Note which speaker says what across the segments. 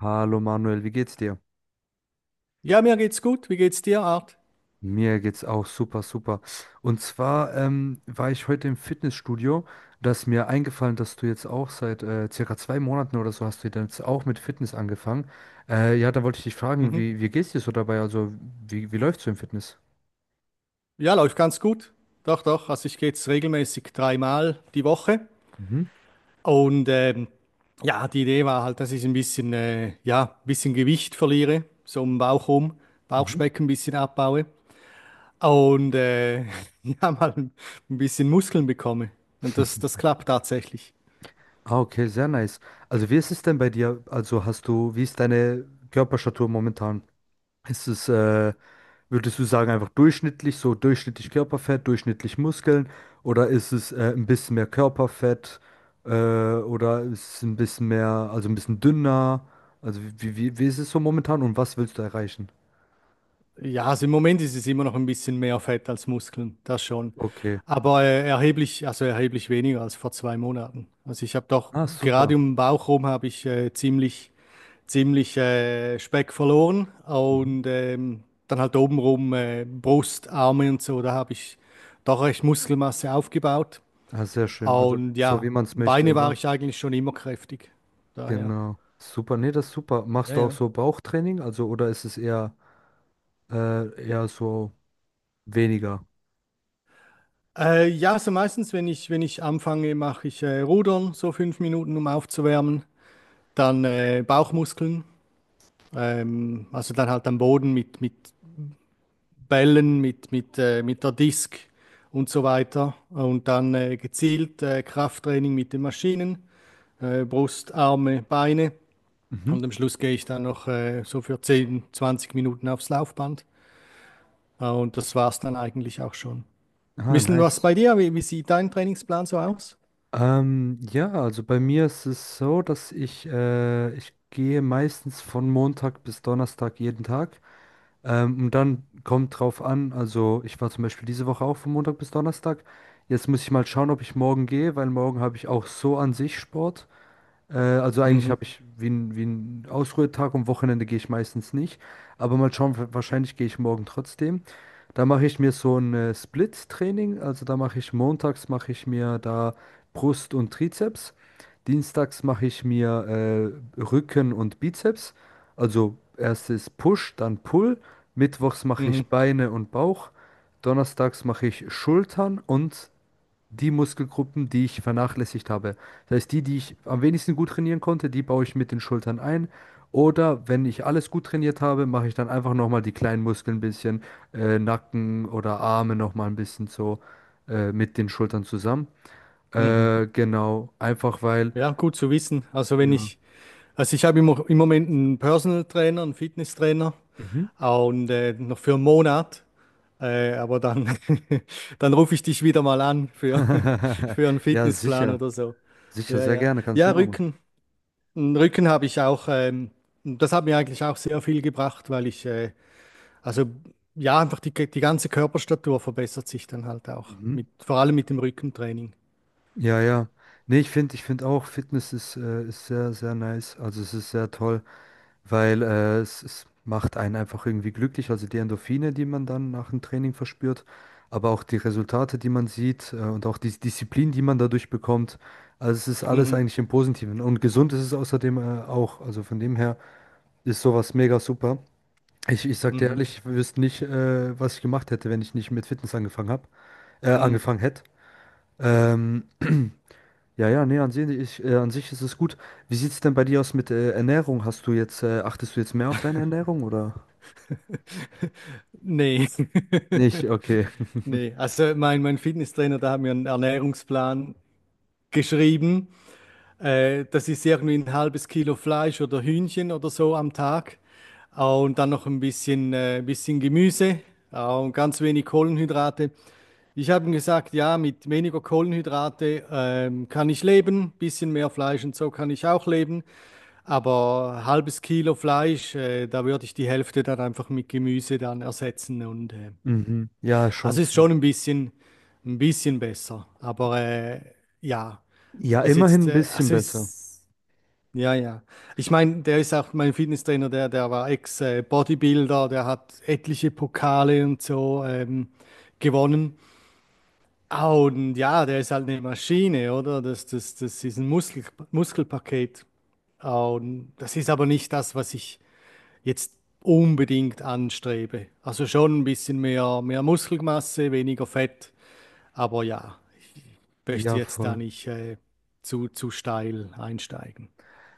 Speaker 1: Hallo Manuel, wie geht's dir?
Speaker 2: Ja, mir geht's gut. Wie geht's dir, Art?
Speaker 1: Mir geht's auch super, super. Und zwar war ich heute im Fitnessstudio. Da ist mir eingefallen, dass du jetzt auch seit circa 2 Monaten oder so hast du jetzt auch mit Fitness angefangen. Ja, da wollte ich dich fragen,
Speaker 2: Mhm.
Speaker 1: wie geht's dir so dabei? Also, wie läuft's so im Fitness?
Speaker 2: Ja, läuft ganz gut. Doch, doch. Also ich gehe jetzt regelmäßig dreimal die Woche.
Speaker 1: Mhm.
Speaker 2: Und ja, die Idee war halt, dass ich ein bisschen, ja, ein bisschen Gewicht verliere, so um den Bauch rum,
Speaker 1: Mhm.
Speaker 2: Bauchspeck ein bisschen abbaue und ja, mal ein bisschen Muskeln bekomme. Und das klappt tatsächlich.
Speaker 1: Ah, okay, sehr nice. Also, wie ist es denn bei dir? Also, hast du, wie ist deine Körperstatur momentan? Ist es, äh, Würdest du sagen, einfach durchschnittlich, so durchschnittlich Körperfett, durchschnittlich Muskeln? Oder ist es ein bisschen mehr Körperfett? Äh, oder ist es ein bisschen mehr, also ein bisschen dünner? Also wie ist es so momentan und was willst du erreichen?
Speaker 2: Ja, also im Moment ist es immer noch ein bisschen mehr Fett als Muskeln, das schon.
Speaker 1: Okay.
Speaker 2: Aber erheblich, also erheblich weniger als vor 2 Monaten. Also ich habe doch
Speaker 1: Ah,
Speaker 2: gerade
Speaker 1: super.
Speaker 2: um den Bauch rum habe ich ziemlich, ziemlich Speck verloren
Speaker 1: Mhm.
Speaker 2: und dann halt obenrum Brust, Arme und so, da habe ich doch recht Muskelmasse aufgebaut.
Speaker 1: Ah, sehr schön. Also
Speaker 2: Und
Speaker 1: so
Speaker 2: ja,
Speaker 1: wie man es möchte,
Speaker 2: Beine war
Speaker 1: oder?
Speaker 2: ich eigentlich schon immer kräftig. Daher,
Speaker 1: Genau. Super. Nee, das ist super. Machst
Speaker 2: ja,
Speaker 1: du auch
Speaker 2: ja.
Speaker 1: so Bauchtraining? Also, oder ist es eher, eher so weniger?
Speaker 2: Ja, so meistens, wenn ich, wenn ich anfange, mache ich Rudern, so 5 Minuten, um aufzuwärmen. Dann Bauchmuskeln, also dann halt am Boden mit Bällen, mit der Disk und so weiter. Und dann gezielt Krafttraining mit den Maschinen, Brust, Arme, Beine.
Speaker 1: Mhm.
Speaker 2: Und am Schluss gehe ich dann noch so für 10, 20 Minuten aufs Laufband. Und das war's dann eigentlich auch schon. Ein
Speaker 1: Ah,
Speaker 2: bisschen was
Speaker 1: nice.
Speaker 2: bei dir? Wie sieht dein Trainingsplan so aus?
Speaker 1: Ja, also bei mir ist es so, dass ich gehe meistens von Montag bis Donnerstag jeden Tag. Und dann kommt drauf an, also ich war zum Beispiel diese Woche auch von Montag bis Donnerstag. Jetzt muss ich mal schauen, ob ich morgen gehe, weil morgen habe ich auch so an sich Sport. Also eigentlich
Speaker 2: Mhm.
Speaker 1: habe ich wie wie ein Ausruhetag und Wochenende gehe ich meistens nicht. Aber mal schauen, wahrscheinlich gehe ich morgen trotzdem. Da mache ich mir so ein Split-Training. Also da mache ich montags, mache ich mir da Brust und Trizeps. Dienstags mache ich mir Rücken und Bizeps. Also erstes Push, dann Pull. Mittwochs mache ich
Speaker 2: Mhm.
Speaker 1: Beine und Bauch. Donnerstags mache ich Schultern und die Muskelgruppen, die ich vernachlässigt habe. Das heißt, die ich am wenigsten gut trainieren konnte, die baue ich mit den Schultern ein. Oder wenn ich alles gut trainiert habe, mache ich dann einfach nochmal die kleinen Muskeln ein bisschen, Nacken oder Arme nochmal ein bisschen so mit den Schultern zusammen.
Speaker 2: Mhm.
Speaker 1: Genau, einfach weil,
Speaker 2: Ja, gut zu wissen. Also wenn
Speaker 1: ja.
Speaker 2: ich, also ich habe im Moment einen Personal Trainer, einen Fitnesstrainer
Speaker 1: Mhm.
Speaker 2: und noch für einen Monat. Aber dann, dann rufe ich dich wieder mal an für, für einen
Speaker 1: Ja,
Speaker 2: Fitnessplan
Speaker 1: sicher.
Speaker 2: oder so.
Speaker 1: Sicher,
Speaker 2: Ja,
Speaker 1: sehr
Speaker 2: ja.
Speaker 1: gerne, kannst du
Speaker 2: Ja,
Speaker 1: immer machen.
Speaker 2: Rücken. Einen Rücken habe ich auch, das hat mir eigentlich auch sehr viel gebracht, weil ich also ja, einfach die ganze Körperstatur verbessert sich dann halt auch,
Speaker 1: Mhm.
Speaker 2: mit, vor allem mit dem Rückentraining.
Speaker 1: Ja, ja. Nee, ich finde auch, Fitness ist sehr, sehr nice. Also es ist sehr toll. Weil es macht einen einfach irgendwie glücklich, also die Endorphine, die man dann nach dem Training verspürt, aber auch die Resultate, die man sieht und auch die Disziplin, die man dadurch bekommt. Also es ist alles
Speaker 2: Mhm.
Speaker 1: eigentlich im Positiven und gesund ist es außerdem auch. Also von dem her ist sowas mega super. Ich sag dir
Speaker 2: Mhm.
Speaker 1: ehrlich, ich wüsste nicht, was ich gemacht hätte, wenn ich nicht mit Fitness angefangen hab,
Speaker 2: Mhm.
Speaker 1: angefangen hätte. Ähm, ja, ja, nee, an sich ist es gut. Wie sieht's denn bei dir aus mit Ernährung? Achtest du jetzt mehr auf deine Ernährung oder?
Speaker 2: Nee.
Speaker 1: Nicht, okay.
Speaker 2: Nee. Also mein Fitnesstrainer, der hat mir einen Ernährungsplan geschrieben. Das ist irgendwie ein halbes Kilo Fleisch oder Hühnchen oder so am Tag. Und dann noch ein bisschen Gemüse und ganz wenig Kohlenhydrate. Ich habe ihm gesagt, ja, mit weniger Kohlenhydrate kann ich leben, bisschen mehr Fleisch und so kann ich auch leben, aber halbes Kilo Fleisch, da würde ich die Hälfte dann einfach mit Gemüse dann ersetzen und
Speaker 1: Mhm. Ja, schon
Speaker 2: also ist
Speaker 1: viel.
Speaker 2: schon ein bisschen besser. Aber ja,
Speaker 1: Ja,
Speaker 2: ist
Speaker 1: immerhin
Speaker 2: jetzt,
Speaker 1: ein bisschen
Speaker 2: also
Speaker 1: besser.
Speaker 2: ist, ja, ja. Ich meine, der ist auch mein Fitnesstrainer, der war Ex-Bodybuilder, der hat etliche Pokale und so gewonnen. Ah, und ja, der ist halt eine Maschine, oder? Das ist ein Muskel, Muskelpaket. Ah, und das ist aber nicht das, was ich jetzt unbedingt anstrebe. Also schon ein bisschen mehr, mehr Muskelmasse, weniger Fett. Aber ja, ich möchte
Speaker 1: Ja,
Speaker 2: jetzt da
Speaker 1: voll.
Speaker 2: nicht zu steil einsteigen.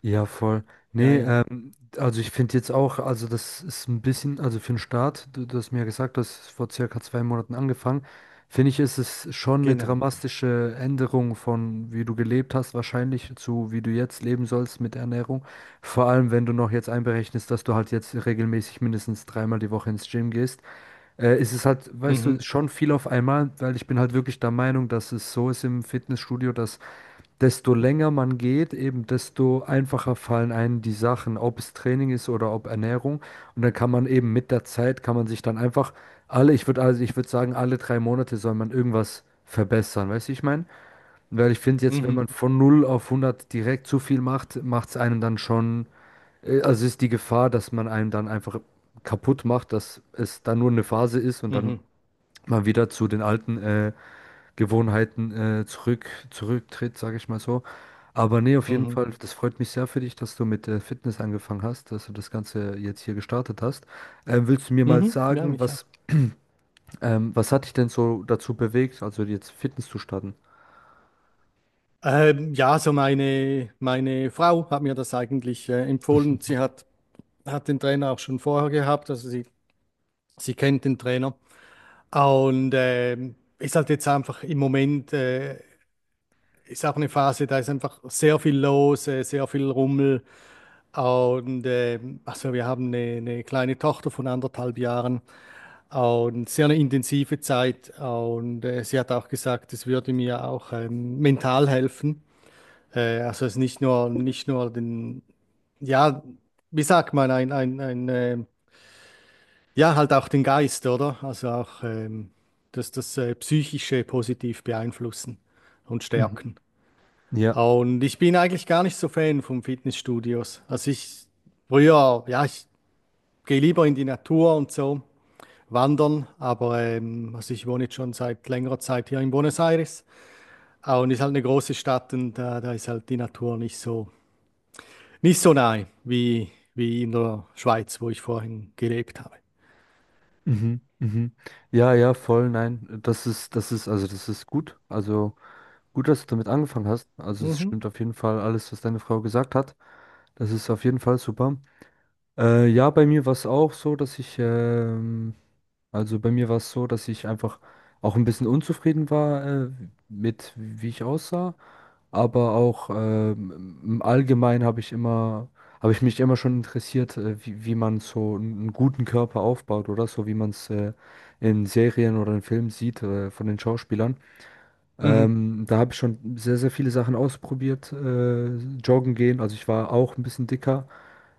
Speaker 1: Ja, voll.
Speaker 2: Ja,
Speaker 1: Nee,
Speaker 2: ja,
Speaker 1: also ich finde jetzt auch, also das ist ein bisschen, also für den Start, du hast mir ja gesagt, du hast vor circa 2 Monaten angefangen, finde ich, ist es schon eine
Speaker 2: genau.
Speaker 1: dramatische Änderung von wie du gelebt hast, wahrscheinlich zu wie du jetzt leben sollst mit Ernährung. Vor allem, wenn du noch jetzt einberechnest, dass du halt jetzt regelmäßig mindestens dreimal die Woche ins Gym gehst. Ist es halt, weißt du,
Speaker 2: Mhm,
Speaker 1: schon viel auf einmal, weil ich bin halt wirklich der Meinung, dass es so ist im Fitnessstudio, dass desto länger man geht, eben desto einfacher fallen einem die Sachen, ob es Training ist oder ob Ernährung. Und dann kann man eben mit der Zeit, kann man sich dann einfach ich würde sagen, alle 3 Monate soll man irgendwas verbessern, weißt du, ich meine? Weil ich finde jetzt, wenn
Speaker 2: mhm,
Speaker 1: man von null auf hundert direkt zu viel macht, macht es einem dann schon, also ist die Gefahr, dass man einem dann einfach kaputt macht, dass es dann nur eine Phase ist und dann
Speaker 2: mhm,
Speaker 1: man wieder zu den alten Gewohnheiten zurück, zurücktritt, sage ich mal so. Aber nee, auf jeden
Speaker 2: mhm,
Speaker 1: Fall, das freut mich sehr für dich, dass du mit Fitness angefangen hast, dass du das Ganze jetzt hier gestartet hast. Willst du mir mal
Speaker 2: mhm, ja,
Speaker 1: sagen,
Speaker 2: mich
Speaker 1: was,
Speaker 2: auch.
Speaker 1: was hat dich denn so dazu bewegt, also jetzt Fitness zu starten?
Speaker 2: Ja, so meine, meine Frau hat mir das eigentlich empfohlen. Sie hat, hat den Trainer auch schon vorher gehabt, also sie kennt den Trainer. Und ist halt jetzt einfach im Moment ist auch eine Phase, da ist einfach sehr viel los, sehr viel Rummel. Und also wir haben eine kleine Tochter von anderthalb Jahren und sehr eine intensive Zeit. Und sie hat auch gesagt, es würde mir auch mental helfen. Also es ist nicht nur, nicht nur den, ja, wie sagt man, ein, ein ja, halt auch den Geist, oder? Also auch das Psychische positiv beeinflussen und
Speaker 1: Mhm.
Speaker 2: stärken.
Speaker 1: Ja.
Speaker 2: Und ich bin eigentlich gar nicht so Fan von Fitnessstudios. Also ich früher, ja, ich gehe lieber in die Natur und so wandern, aber also ich wohne jetzt schon seit längerer Zeit hier in Buenos Aires. Ah, und ist halt eine große Stadt und da, da ist halt die Natur nicht so nicht so nahe wie wie in der Schweiz, wo ich vorhin gelebt habe.
Speaker 1: Mhm, mhm. Ja, Voll, nein, das ist, also das ist gut. Also gut, dass du damit angefangen hast. Also es
Speaker 2: Mhm.
Speaker 1: stimmt auf jeden Fall alles, was deine Frau gesagt hat. Das ist auf jeden Fall super. Ja, bei mir war es auch so, also bei mir war es so, dass ich einfach auch ein bisschen unzufrieden war, mit wie ich aussah, aber auch im Allgemeinen habe ich mich immer schon interessiert, wie man so einen guten Körper aufbaut oder so, wie man es in Serien oder in Filmen sieht von den Schauspielern.
Speaker 2: Mhm.
Speaker 1: Da habe ich schon sehr, sehr viele Sachen ausprobiert. Joggen gehen, also ich war auch ein bisschen dicker.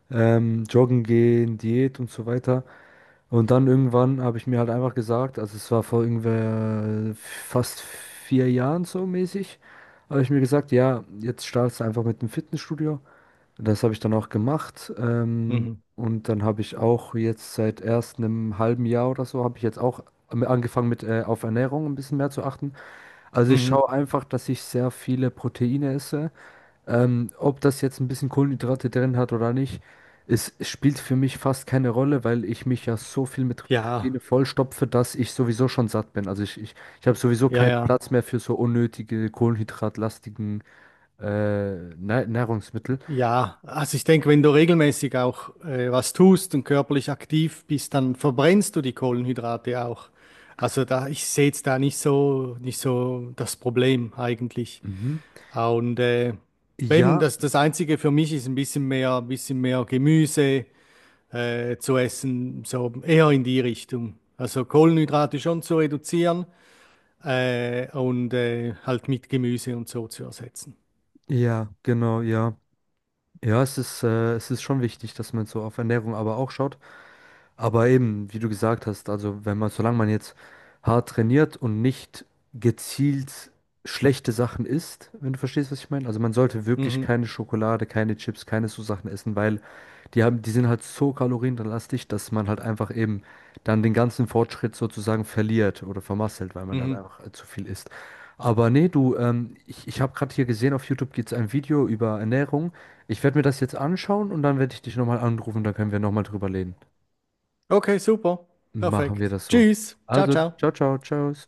Speaker 1: Joggen gehen, Diät und so weiter. Und dann irgendwann habe ich mir halt einfach gesagt, also es war vor irgendwer fast 4 Jahren so mäßig, habe ich mir gesagt, ja, jetzt startest du einfach mit dem Fitnessstudio. Das habe ich dann auch gemacht.
Speaker 2: Mhm.
Speaker 1: Und dann habe ich auch jetzt seit erst einem halben Jahr oder so, habe ich jetzt auch angefangen mit auf Ernährung ein bisschen mehr zu achten. Also ich
Speaker 2: Mhm.
Speaker 1: schaue einfach, dass ich sehr viele Proteine esse, ob das jetzt ein bisschen Kohlenhydrate drin hat oder nicht, es spielt für mich fast keine Rolle, weil ich mich ja so viel mit
Speaker 2: Ja,
Speaker 1: Proteine vollstopfe, dass ich sowieso schon satt bin. Also ich habe sowieso
Speaker 2: ja,
Speaker 1: keinen
Speaker 2: ja.
Speaker 1: Platz mehr für so unnötige kohlenhydratlastigen Nahrungsmittel.
Speaker 2: Ja, also ich denke, wenn du regelmäßig auch was tust und körperlich aktiv bist, dann verbrennst du die Kohlenhydrate auch. Also da, ich sehe jetzt da nicht so, nicht so das Problem eigentlich.
Speaker 1: Mhm.
Speaker 2: Ah, und eben
Speaker 1: Ja,
Speaker 2: das Einzige für mich ist ein bisschen mehr Gemüse zu essen, so eher in die Richtung. Also Kohlenhydrate schon zu reduzieren und halt mit Gemüse und so zu ersetzen.
Speaker 1: ja, genau, ja. Es ist schon wichtig, dass man so auf Ernährung aber auch schaut. Aber eben, wie du gesagt hast, also wenn man, solange man jetzt hart trainiert und nicht gezielt schlechte Sachen isst, wenn du verstehst, was ich meine. Also man sollte wirklich
Speaker 2: Mhm.
Speaker 1: keine Schokolade, keine Chips, keine so Sachen essen, weil die sind halt so kalorienlastig, dass man halt einfach eben dann den ganzen Fortschritt sozusagen verliert oder vermasselt, weil man dann
Speaker 2: Mhm.
Speaker 1: einfach zu viel isst. Aber nee, du, ich habe gerade hier gesehen, auf YouTube gibt es ein Video über Ernährung. Ich werde mir das jetzt anschauen und dann werde ich dich nochmal anrufen, dann können wir nochmal drüber reden.
Speaker 2: Okay, super.
Speaker 1: Machen wir
Speaker 2: Perfekt.
Speaker 1: das so.
Speaker 2: Tschüss. Ciao,
Speaker 1: Also, ciao,
Speaker 2: ciao.
Speaker 1: ciao, ciao.